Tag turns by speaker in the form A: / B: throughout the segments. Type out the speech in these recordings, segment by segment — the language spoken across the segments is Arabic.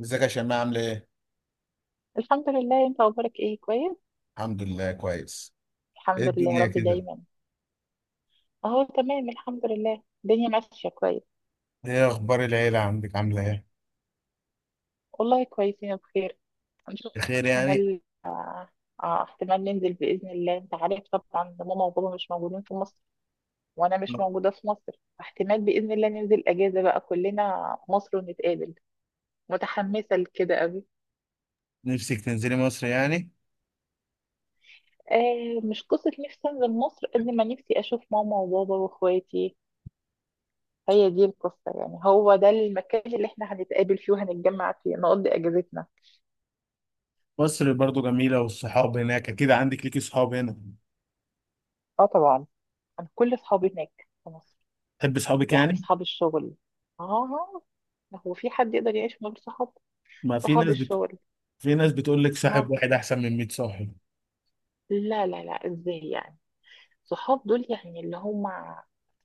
A: ازيك يا شيماء عاملة ايه؟
B: الحمد لله. انت اخبارك ايه؟ كويس
A: الحمد لله كويس. ايه
B: الحمد لله يا
A: الدنيا
B: رب
A: كده؟
B: دايما. اهو تمام الحمد لله، الدنيا ماشيه كويس.
A: ايه اخبار العيلة عندك عاملة ايه؟
B: والله كويسين بخير. هنشوف.
A: بخير يعني؟
B: احتمال اه احتمال ننزل باذن الله. انت عارف طبعا ماما وبابا مش موجودين في مصر، وانا مش موجوده في مصر. احتمال باذن الله ننزل اجازه بقى كلنا مصر ونتقابل. متحمسه لكده قوي.
A: نفسك تنزلي مصر يعني؟
B: آه مش قصه نفسي انزل مصر قد ما نفسي اشوف ماما وبابا واخواتي. هي دي القصة، يعني هو ده المكان اللي احنا هنتقابل فيه وهنتجمع فيه نقضي اجازتنا.
A: مصر برضو جميلة والصحاب هناك اكيد عندك ليكي صحاب هنا.
B: اه طبعا. انا كل اصحابي هناك في مصر.
A: تحب صحابك
B: يعني
A: يعني؟
B: اصحاب الشغل. اه. هو في حد يقدر يعيش من غير صحاب؟
A: ما في
B: صحاب
A: ناس بت...
B: الشغل.
A: في ناس بتقول لك صاحب
B: ها.
A: واحد احسن من 100 صاحب.
B: لا لا لا ازاي يعني. صحاب دول يعني اللي هم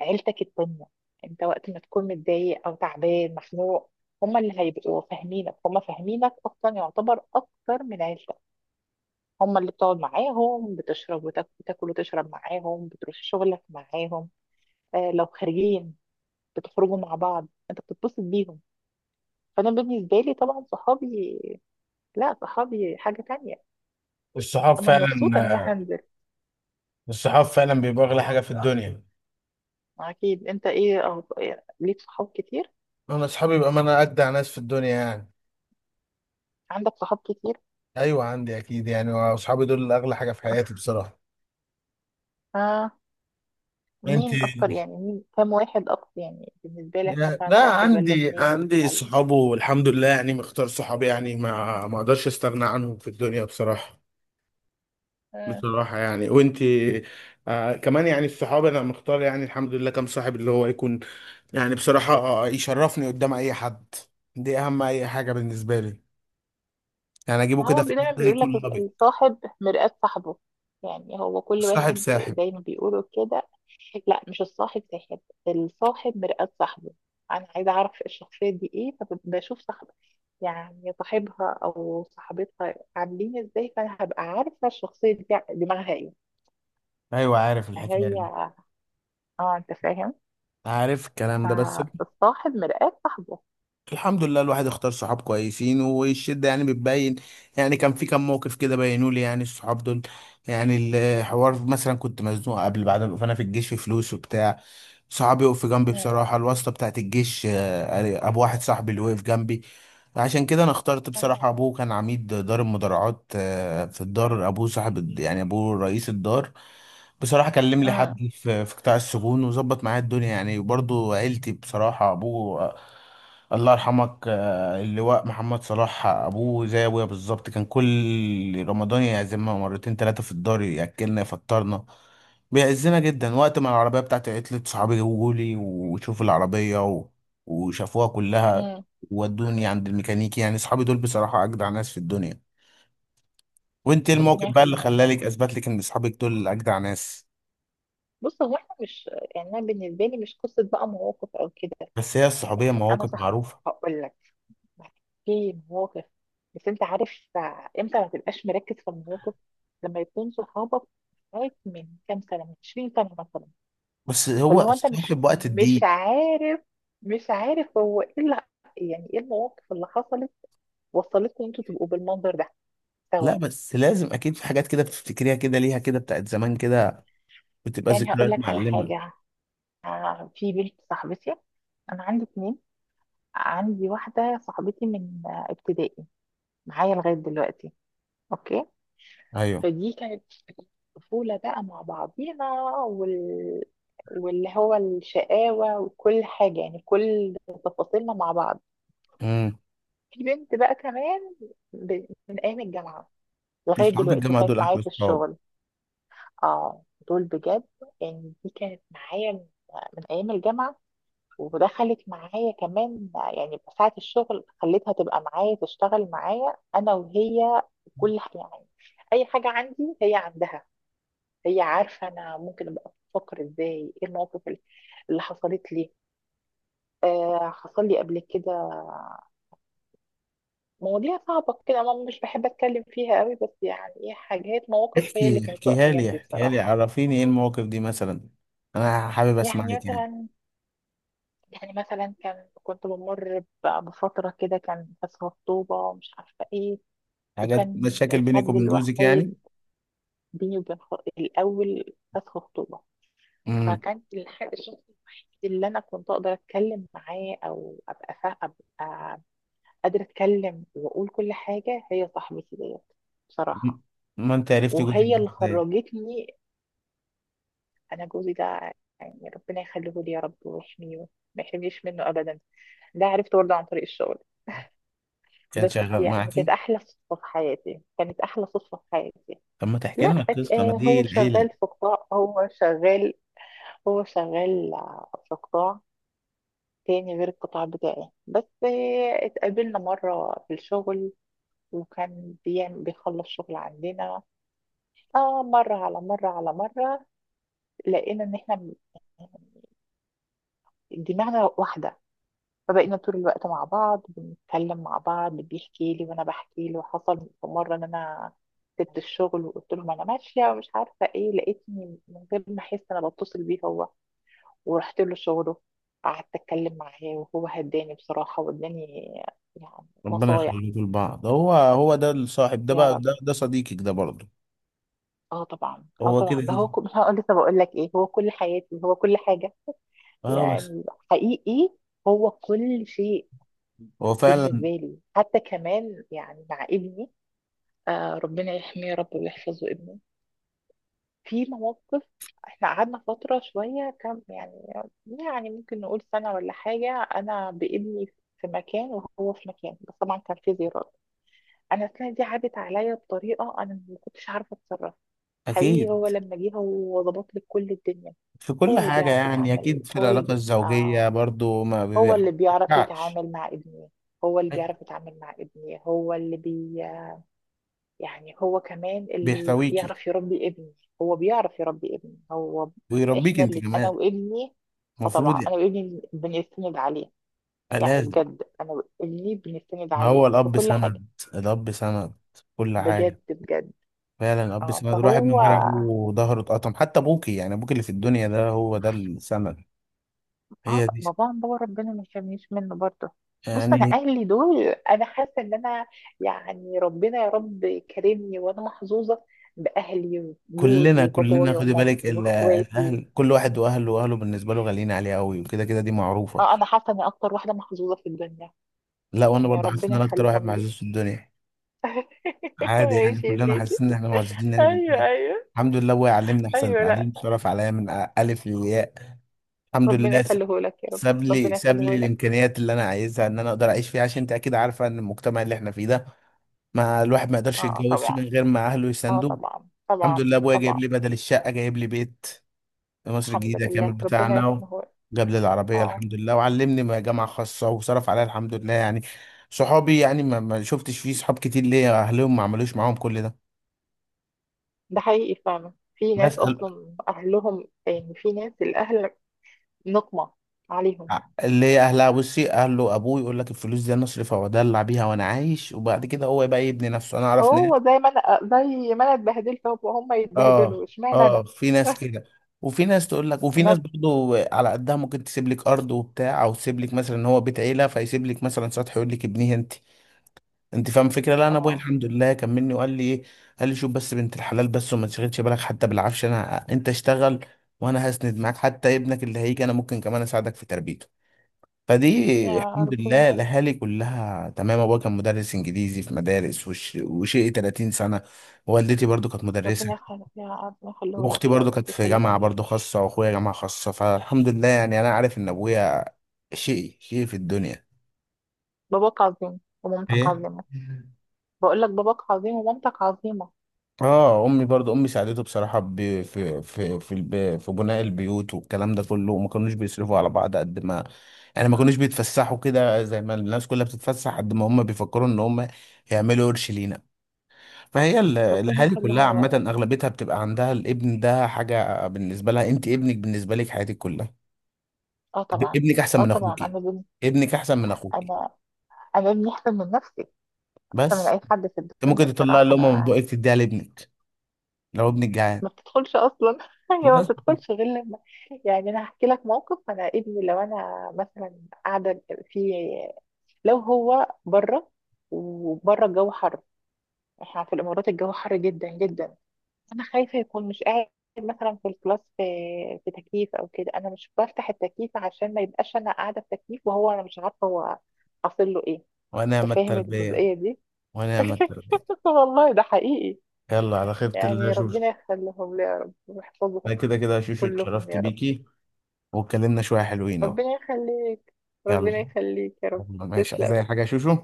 B: عيلتك التانية. انت وقت ما تكون متضايق او تعبان مخنوق، هم اللي هيبقوا فاهمينك، هم فاهمينك اصلا، يعتبر اكتر من عيلتك. هم اللي بتقعد معاهم، بتشرب وتاكل، بتاكل وتشرب معاهم، بتروح شغلك معاهم. آه لو خارجين بتخرجوا مع بعض، انت بتتبسط بيهم. فانا بالنسبه لي طبعا صحابي، لا صحابي حاجه تانية.
A: الصحاب
B: انا مبسوطه ان انا
A: فعلا.
B: هنزل.
A: الصحاب فعلا بيبقى اغلى حاجة في الدنيا.
B: اكيد انت ايه ليك صحاب كتير.
A: انا اصحابي بقى، ما انا اجدع ناس في الدنيا يعني.
B: عندك صحاب كتير.
A: ايوه عندي اكيد يعني، واصحابي دول اغلى حاجة في حياتي بصراحة.
B: آه.
A: انت
B: مين اكتر يعني، مين كام واحد اكتر يعني بالنسبه لك،
A: يعني،
B: مثلا
A: لا
B: واحد ولا
A: عندي،
B: اتنين؟ هل
A: صحابه والحمد لله يعني، مختار صحابي يعني، ما اقدرش استغنى عنهم في الدنيا بصراحة.
B: آه.
A: بصراحة يعني، وانتي؟ آه كمان يعني الصحاب انا مختار يعني الحمد لله، كم صاحب اللي هو يكون يعني بصراحة آه، يشرفني قدام اي حد. دي اهم اي حاجة بالنسبة لي. يعني اجيبه
B: هو
A: كده في
B: دايما
A: الحتة
B: بيقول
A: يكون
B: لك
A: لبق.
B: الصاحب مرآة صاحبه، يعني هو كل
A: الصاحب
B: واحد
A: ساحب.
B: زي ما بيقولوا كده. لا مش الصاحب ساحب، الصاحب مرآة صاحبه. انا عايزه اعرف الشخصيه دي ايه، فبشوف صاحب، يعني صاحبها او صاحبتها عاملين ازاي، فانا هبقى عارفه الشخصيه دي دماغها ايه.
A: ايوه عارف الحكاية
B: فهي،
A: دي،
B: اه انت فاهم،
A: عارف الكلام ده. بس
B: فالصاحب مرآة صاحبه.
A: الحمد لله الواحد اختار صحاب كويسين، والشدة يعني بتبين. يعني كان في كم موقف كده بينوا لي يعني الصحاب دول. يعني الحوار مثلا، كنت مزنوق قبل بعد، فانا في الجيش في فلوس وبتاع، صحابي يقف جنبي
B: مم.
A: بصراحة. الواسطة بتاعت الجيش آه، ابو واحد صاحبي اللي وقف جنبي. عشان كده انا اخترت بصراحة.
B: آه.
A: ابوه كان عميد دار المدرعات آه، في الدار ابوه صاحب، يعني ابوه رئيس الدار. بصراحة كلم لي
B: مم.
A: حد في قطاع السجون وظبط معايا الدنيا يعني. وبرضه عيلتي بصراحة، ابوه آه، الله يرحمك آه، اللواء محمد صلاح، ابوه زي ابويا بالظبط. كان كل رمضان يعزمنا مرتين ثلاثة في الدار، ياكلنا يفطرنا، بيعزنا جدا. وقت ما العربية بتاعتي عطلت، صحابي جولي وشوفوا العربية وشافوها كلها،
B: مم.
A: ودوني عند الميكانيكي. يعني اصحابي دول بصراحة اجدع ناس في الدنيا. وانت إيه،
B: ربنا
A: الموقف بقى اللي
B: يخليهم لنا.
A: خلالك اثبت لك ان اصحابك دول اجدع ناس؟
B: بص هو احنا مش، يعني انا بالنسبه لي مش قصه بقى مواقف او كده.
A: بس هي الصحوبية
B: يعني انا
A: مواقف
B: صح.
A: معروفة.
B: هقول لك. في مواقف. بس انت عارف، امتى ما تبقاش مركز في المواقف؟ لما يكون صحابك معاك من كام سنه، من 20 سنه مثلا.
A: بس هو
B: فاللي هو انت مش
A: الصاحب وقت
B: مش
A: الضيق.
B: عارف، مش عارف هو ايه اللي، يعني ايه المواقف اللي حصلت وصلتكم ان انتوا تبقوا بالمنظر ده سوا.
A: لا بس لازم اكيد في حاجات كده بتفتكريها كده، ليها كده بتاعت زمان كده، بتبقى
B: يعني
A: ذكريات
B: هقول لك على
A: معلمة.
B: حاجه. آه، في بنت صاحبتي. انا عندي اتنين. عندي واحدة صاحبتي من ابتدائي معايا لغاية دلوقتي. اوكي.
A: ايوه.
B: فدي كانت طفولة بقى مع بعضينا، واللي هو الشقاوة وكل حاجة، يعني كل تفاصيلنا مع بعض.
A: امم.
B: في بنت بقى كمان، من أيام الجامعة لغاية
A: اصحاب
B: دلوقتي،
A: الجامعة
B: وكانت
A: دول
B: معايا
A: احلى
B: في
A: اصحاب.
B: الشغل. اه دول بجد. يعني دي كانت معايا من أيام الجامعة، وده خلت معايا كمان. يعني ساعة الشغل خليتها تبقى معايا، تشتغل معايا أنا وهي. يعني أي حاجة عندي هي عندها. هي عارفة أنا ممكن أبقى بفكر إزاي، إيه المواقف اللي حصلت لي. آه حصل لي قبل كده مواضيع صعبة كده، ما مش بحب أتكلم فيها قوي، بس يعني إيه حاجات مواقف هي اللي
A: احكي،
B: كانت واقفة
A: احكيها لي،
B: جنبي
A: احكيها لي،
B: بصراحة.
A: عرفيني ايه المواقف دي مثلا. انا حابب
B: يعني
A: اسمعك يعني.
B: مثلا، يعني مثلا كان كنت بمر بفترة كده كان فيها خطوبة ومش عارفة ايه.
A: حاجات
B: وكان
A: مشاكل بينك
B: الحد
A: وبين جوزك يعني؟
B: الوحيد بيني وبين الأول فسخ خطوبة.
A: امم.
B: فكان الشخص الوحيد اللي أنا كنت أقدر أتكلم معاه، أو أبقى قادرة أتكلم وأقول كل حاجة، هي صاحبتي ديت، بصراحة.
A: ما انت عرفت جوزك
B: وهي
A: ده
B: اللي
A: ازاي؟
B: خرجتني. أنا جوزي ده يعني ربنا يخليه لي يا رب ويحميه، ما يحرمنيش منه أبدا. ده عرفته برضه عن طريق الشغل
A: كان
B: بس.
A: شغال
B: يعني كانت
A: معاكي؟
B: أحلى صدفة في حياتي، كانت أحلى صدفة في حياتي.
A: طب ما تحكي
B: لا
A: لنا القصه، ما دي
B: هو
A: العيله.
B: شغال في قطاع، هو شغال هو شغال في قطاع تاني غير القطاع بتاعي بس. آه، اتقابلنا مرة في الشغل، وكان بيعمل بيخلص شغل عندنا. اه مرة على مرة على مرة لقينا ان احنا دماغنا واحدة. فبقينا طول الوقت مع بعض، بنتكلم مع بعض، بيحكي لي وانا بحكي له. حصل في مرة ان انا سبت الشغل، وقلت له ما انا ماشية ومش عارفة ايه، لقيتني من غير ما احس انا بتصل بيه هو، ورحت له شغله. قعدت اتكلم معاه، وهو هداني بصراحه واداني يعني
A: ربنا
B: نصايح.
A: يخليكوا لبعض. هو ده الصاحب ده
B: يا
A: بقى،
B: رب.
A: ده صديقك ده برضه.
B: اه طبعا، اه
A: هو كده
B: طبعا، ده هو
A: كده.
B: هقول لسه، بقول لك ايه، هو كل حياتي، هو كل حاجه
A: اه بس
B: يعني. حقيقي، هو كل شيء
A: هو
B: بالنسبه
A: فعلا.
B: لي. حتى كمان يعني مع ابني، آه ربنا يحميه يا رب ويحفظه ابنه. في مواقف، احنا قعدنا فتره شويه كم يعني، يعني ممكن نقول سنه ولا حاجه، انا بابني في مكان وهو في مكان، بس طبعا كان في زيارات. انا السنه دي عدت عليا بطريقه انا ما كنتش عارفه اتصرف. حقيقي
A: اكيد
B: هو لما جه هو ظبط لي كل الدنيا.
A: في كل
B: هو اللي
A: حاجه
B: بيعرف
A: يعني،
B: يتعامل،
A: اكيد في العلاقه الزوجيه برضه ما
B: هو اللي بيعرف
A: بيبيعش.
B: يتعامل مع ابني، هو اللي بيعرف يتعامل مع ابني، هو اللي بي يعني هو كمان اللي
A: بيحتويكي
B: بيعرف يربي ابني. هو بيعرف يربي ابني هو.
A: ويربيك
B: احنا
A: انت
B: اللي انا
A: كمان،
B: وابني،
A: المفروض
B: فطبعا انا
A: يعني.
B: وابني بنستند عليه.
A: آه،
B: يعني
A: لازم.
B: بجد انا وابني بنستند
A: ما
B: عليه
A: هو
B: في
A: الاب
B: كل حاجه.
A: سند، الاب سند كل حاجه.
B: بجد بجد.
A: فعلا الاب
B: اه
A: سند. الواحد
B: فهو.
A: من غير ابوه ظهره اتقطم. حتى ابوكي يعني، ابوك اللي في الدنيا ده هو ده السند.
B: اه
A: هي
B: طب
A: دي
B: باباهم بابا ربنا ما يحرمنيش منه برضه. بص انا
A: يعني.
B: اهلي دول انا حاسه ان انا، يعني ربنا يا رب كرمني وانا محظوظه باهلي
A: كلنا
B: وجوزي،
A: كلنا،
B: بابايا
A: خدي بالك
B: ومامتي واخواتي.
A: الاهل كل واحد واهله، واهله بالنسبه له غاليين عليه قوي، وكده كده دي معروفه.
B: اه انا حاسه اني اكتر واحده محظوظه في الدنيا.
A: لا وانا
B: يعني
A: برضه حاسس ان
B: ربنا
A: انا اكتر واحد
B: يخليهم لي.
A: معزوز في الدنيا. عادي يعني،
B: ماشي يا
A: كلنا
B: سيدي.
A: حاسين ان احنا معزوزين يعني في
B: ايوه
A: الدنيا.
B: ايوه.
A: الحمد لله ابويا علمني احسن
B: ايوه لا
A: تعليم، صرف عليا من الف للياء. الحمد
B: ربنا
A: لله
B: يخليه لك يا رب.
A: ساب لي،
B: ربنا
A: ساب
B: يخليه
A: لي
B: لك.
A: الامكانيات اللي انا عايزها ان انا اقدر اعيش فيها. عشان انت اكيد عارفه ان المجتمع اللي احنا فيه ده، ما الواحد ما يقدرش
B: اه
A: يتجوز من
B: طبعا،
A: غير ما اهله
B: اه
A: يساندوه.
B: طبعا
A: الحمد
B: طبعا
A: لله ابويا جايب
B: طبعا.
A: لي بدل الشقه جايب لي بيت في مصر
B: الحمد
A: الجديده
B: لله
A: كامل
B: ربنا
A: بتاعنا،
B: يحميه لك.
A: وجاب لي العربيه
B: اه.
A: الحمد لله، وعلمني ما جامعه خاصه، وصرف عليا الحمد لله يعني. صحابي يعني ما شفتش فيه صحاب كتير ليا اهلهم ما عملوش معاهم كل ده.
B: ده حقيقي فعلا، في ناس
A: بسأل،
B: اصلا اهلهم، يعني في ناس الاهل نقمة عليهم.
A: اللي هي اهلها، بصي اهله ابوه يقول لك الفلوس دي انا اصرفها وادلع بيها وانا عايش، وبعد كده هو بقى يبني نفسه. انا اعرف ناس.
B: هو زي ما انا، زي ما انا اتبهدلت هم يتبهدلوا،
A: اه.
B: اشمعنى انا؟
A: اه في ناس كده. وفي ناس تقول لك، وفي ناس
B: انا.
A: برضو على قدها ممكن تسيب لك ارض وبتاع، او تسيب لك مثلا ان هو بيت عيله فيسيب لك مثلا سطح يقول لك ابنيه انت. انت فاهم الفكره. لا انا ابويا
B: اه
A: الحمد لله كملني وقال لي ايه، قال لي شوف بس بنت الحلال بس، وما تشغلش بالك حتى بالعفش، انا انت اشتغل وانا هسند معاك. حتى ابنك اللي هيجي انا ممكن كمان اساعدك في تربيته. فدي
B: يا
A: الحمد
B: ربنا.
A: لله الاهالي كلها تمام. ابويا كان مدرس انجليزي في مدارس وشيء 30 سنه. والدتي برضو كانت
B: ربنا
A: مدرسه،
B: يخليك، يا ربنا يخليه
A: واختي
B: لك يا رب،
A: برضو كانت في
B: يخليهم
A: جامعة
B: لك.
A: برضو خاصة، واخويا جامعة خاصة. فالحمد لله يعني انا عارف ان ابويا شقي في الدنيا.
B: باباك عظيم ومامتك
A: ايه؟
B: عظيمة. بقول لك باباك عظيم ومامتك عظيمة.
A: اه امي برضو، امي ساعدته بصراحة في في بناء البيوت والكلام ده كله. وما كانوش بيصرفوا على بعض قد ما يعني، ما كانوش بيتفسحوا كده زي ما الناس كلها بتتفسح، قد ما هم بيفكروا ان هم يعملوا قرش لينا. فهي
B: ربنا
A: الاهالي كلها
B: يخليهم لك.
A: عامة اغلبيتها بتبقى عندها الابن ده حاجة بالنسبة لها. انت ابنك بالنسبة لك حياتك كلها.
B: اه طبعا.
A: ابنك احسن
B: اه
A: من
B: طبعا
A: اخوكي.
B: انا بنت.
A: ابنك احسن من اخوكي.
B: انا. انا ابني احسن من نفسي، احسن من
A: بس
B: اي حد في
A: انت
B: الدنيا
A: ممكن تطلع
B: بصراحة.
A: اللقمه من
B: انا
A: بقك تديها لابنك لو ابنك جعان.
B: ما بتدخلش اصلا هي ما
A: بس
B: بتدخلش غير لما، يعني انا هحكي لك موقف. انا ابني لو انا مثلا قاعده في، لو هو بره وبره الجو حر، احنا في الامارات الجو حر جدا جدا، انا خايفه يكون مش قاعد مثلا في الكلاس، في في تكييف او كده، انا مش بفتح التكييف عشان ما يبقاش انا قاعده في تكييف وهو انا مش عارفه هو حاصل له ايه.
A: ونعم
B: انت فاهم
A: التربيه،
B: الجزئيه دي؟
A: ونعم التربيه.
B: والله ده حقيقي.
A: يلا على خيرة الله يا
B: يعني ربنا
A: شوشو.
B: يخليهم لي يا رب ويحفظهم
A: انا كده كده يا شوشو
B: كلهم
A: اتشرفت
B: يا رب.
A: بيكي، واتكلمنا شويه حلوين اهو.
B: ربنا يخليك.
A: يلا.
B: ربنا يخليك يا رب.
A: يلا ماشي، عايز
B: تسلم.
A: اي حاجه يا شوشو؟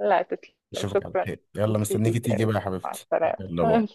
B: لا تسلم
A: اشوفك على
B: شكرا.
A: خير، يلا
B: ميرسي
A: مستنيكي
B: ليك يا
A: تيجي
B: رب.
A: بقى يا
B: مع
A: حبيبتي.
B: السلامة
A: يلا
B: إن
A: بقى.
B: شاء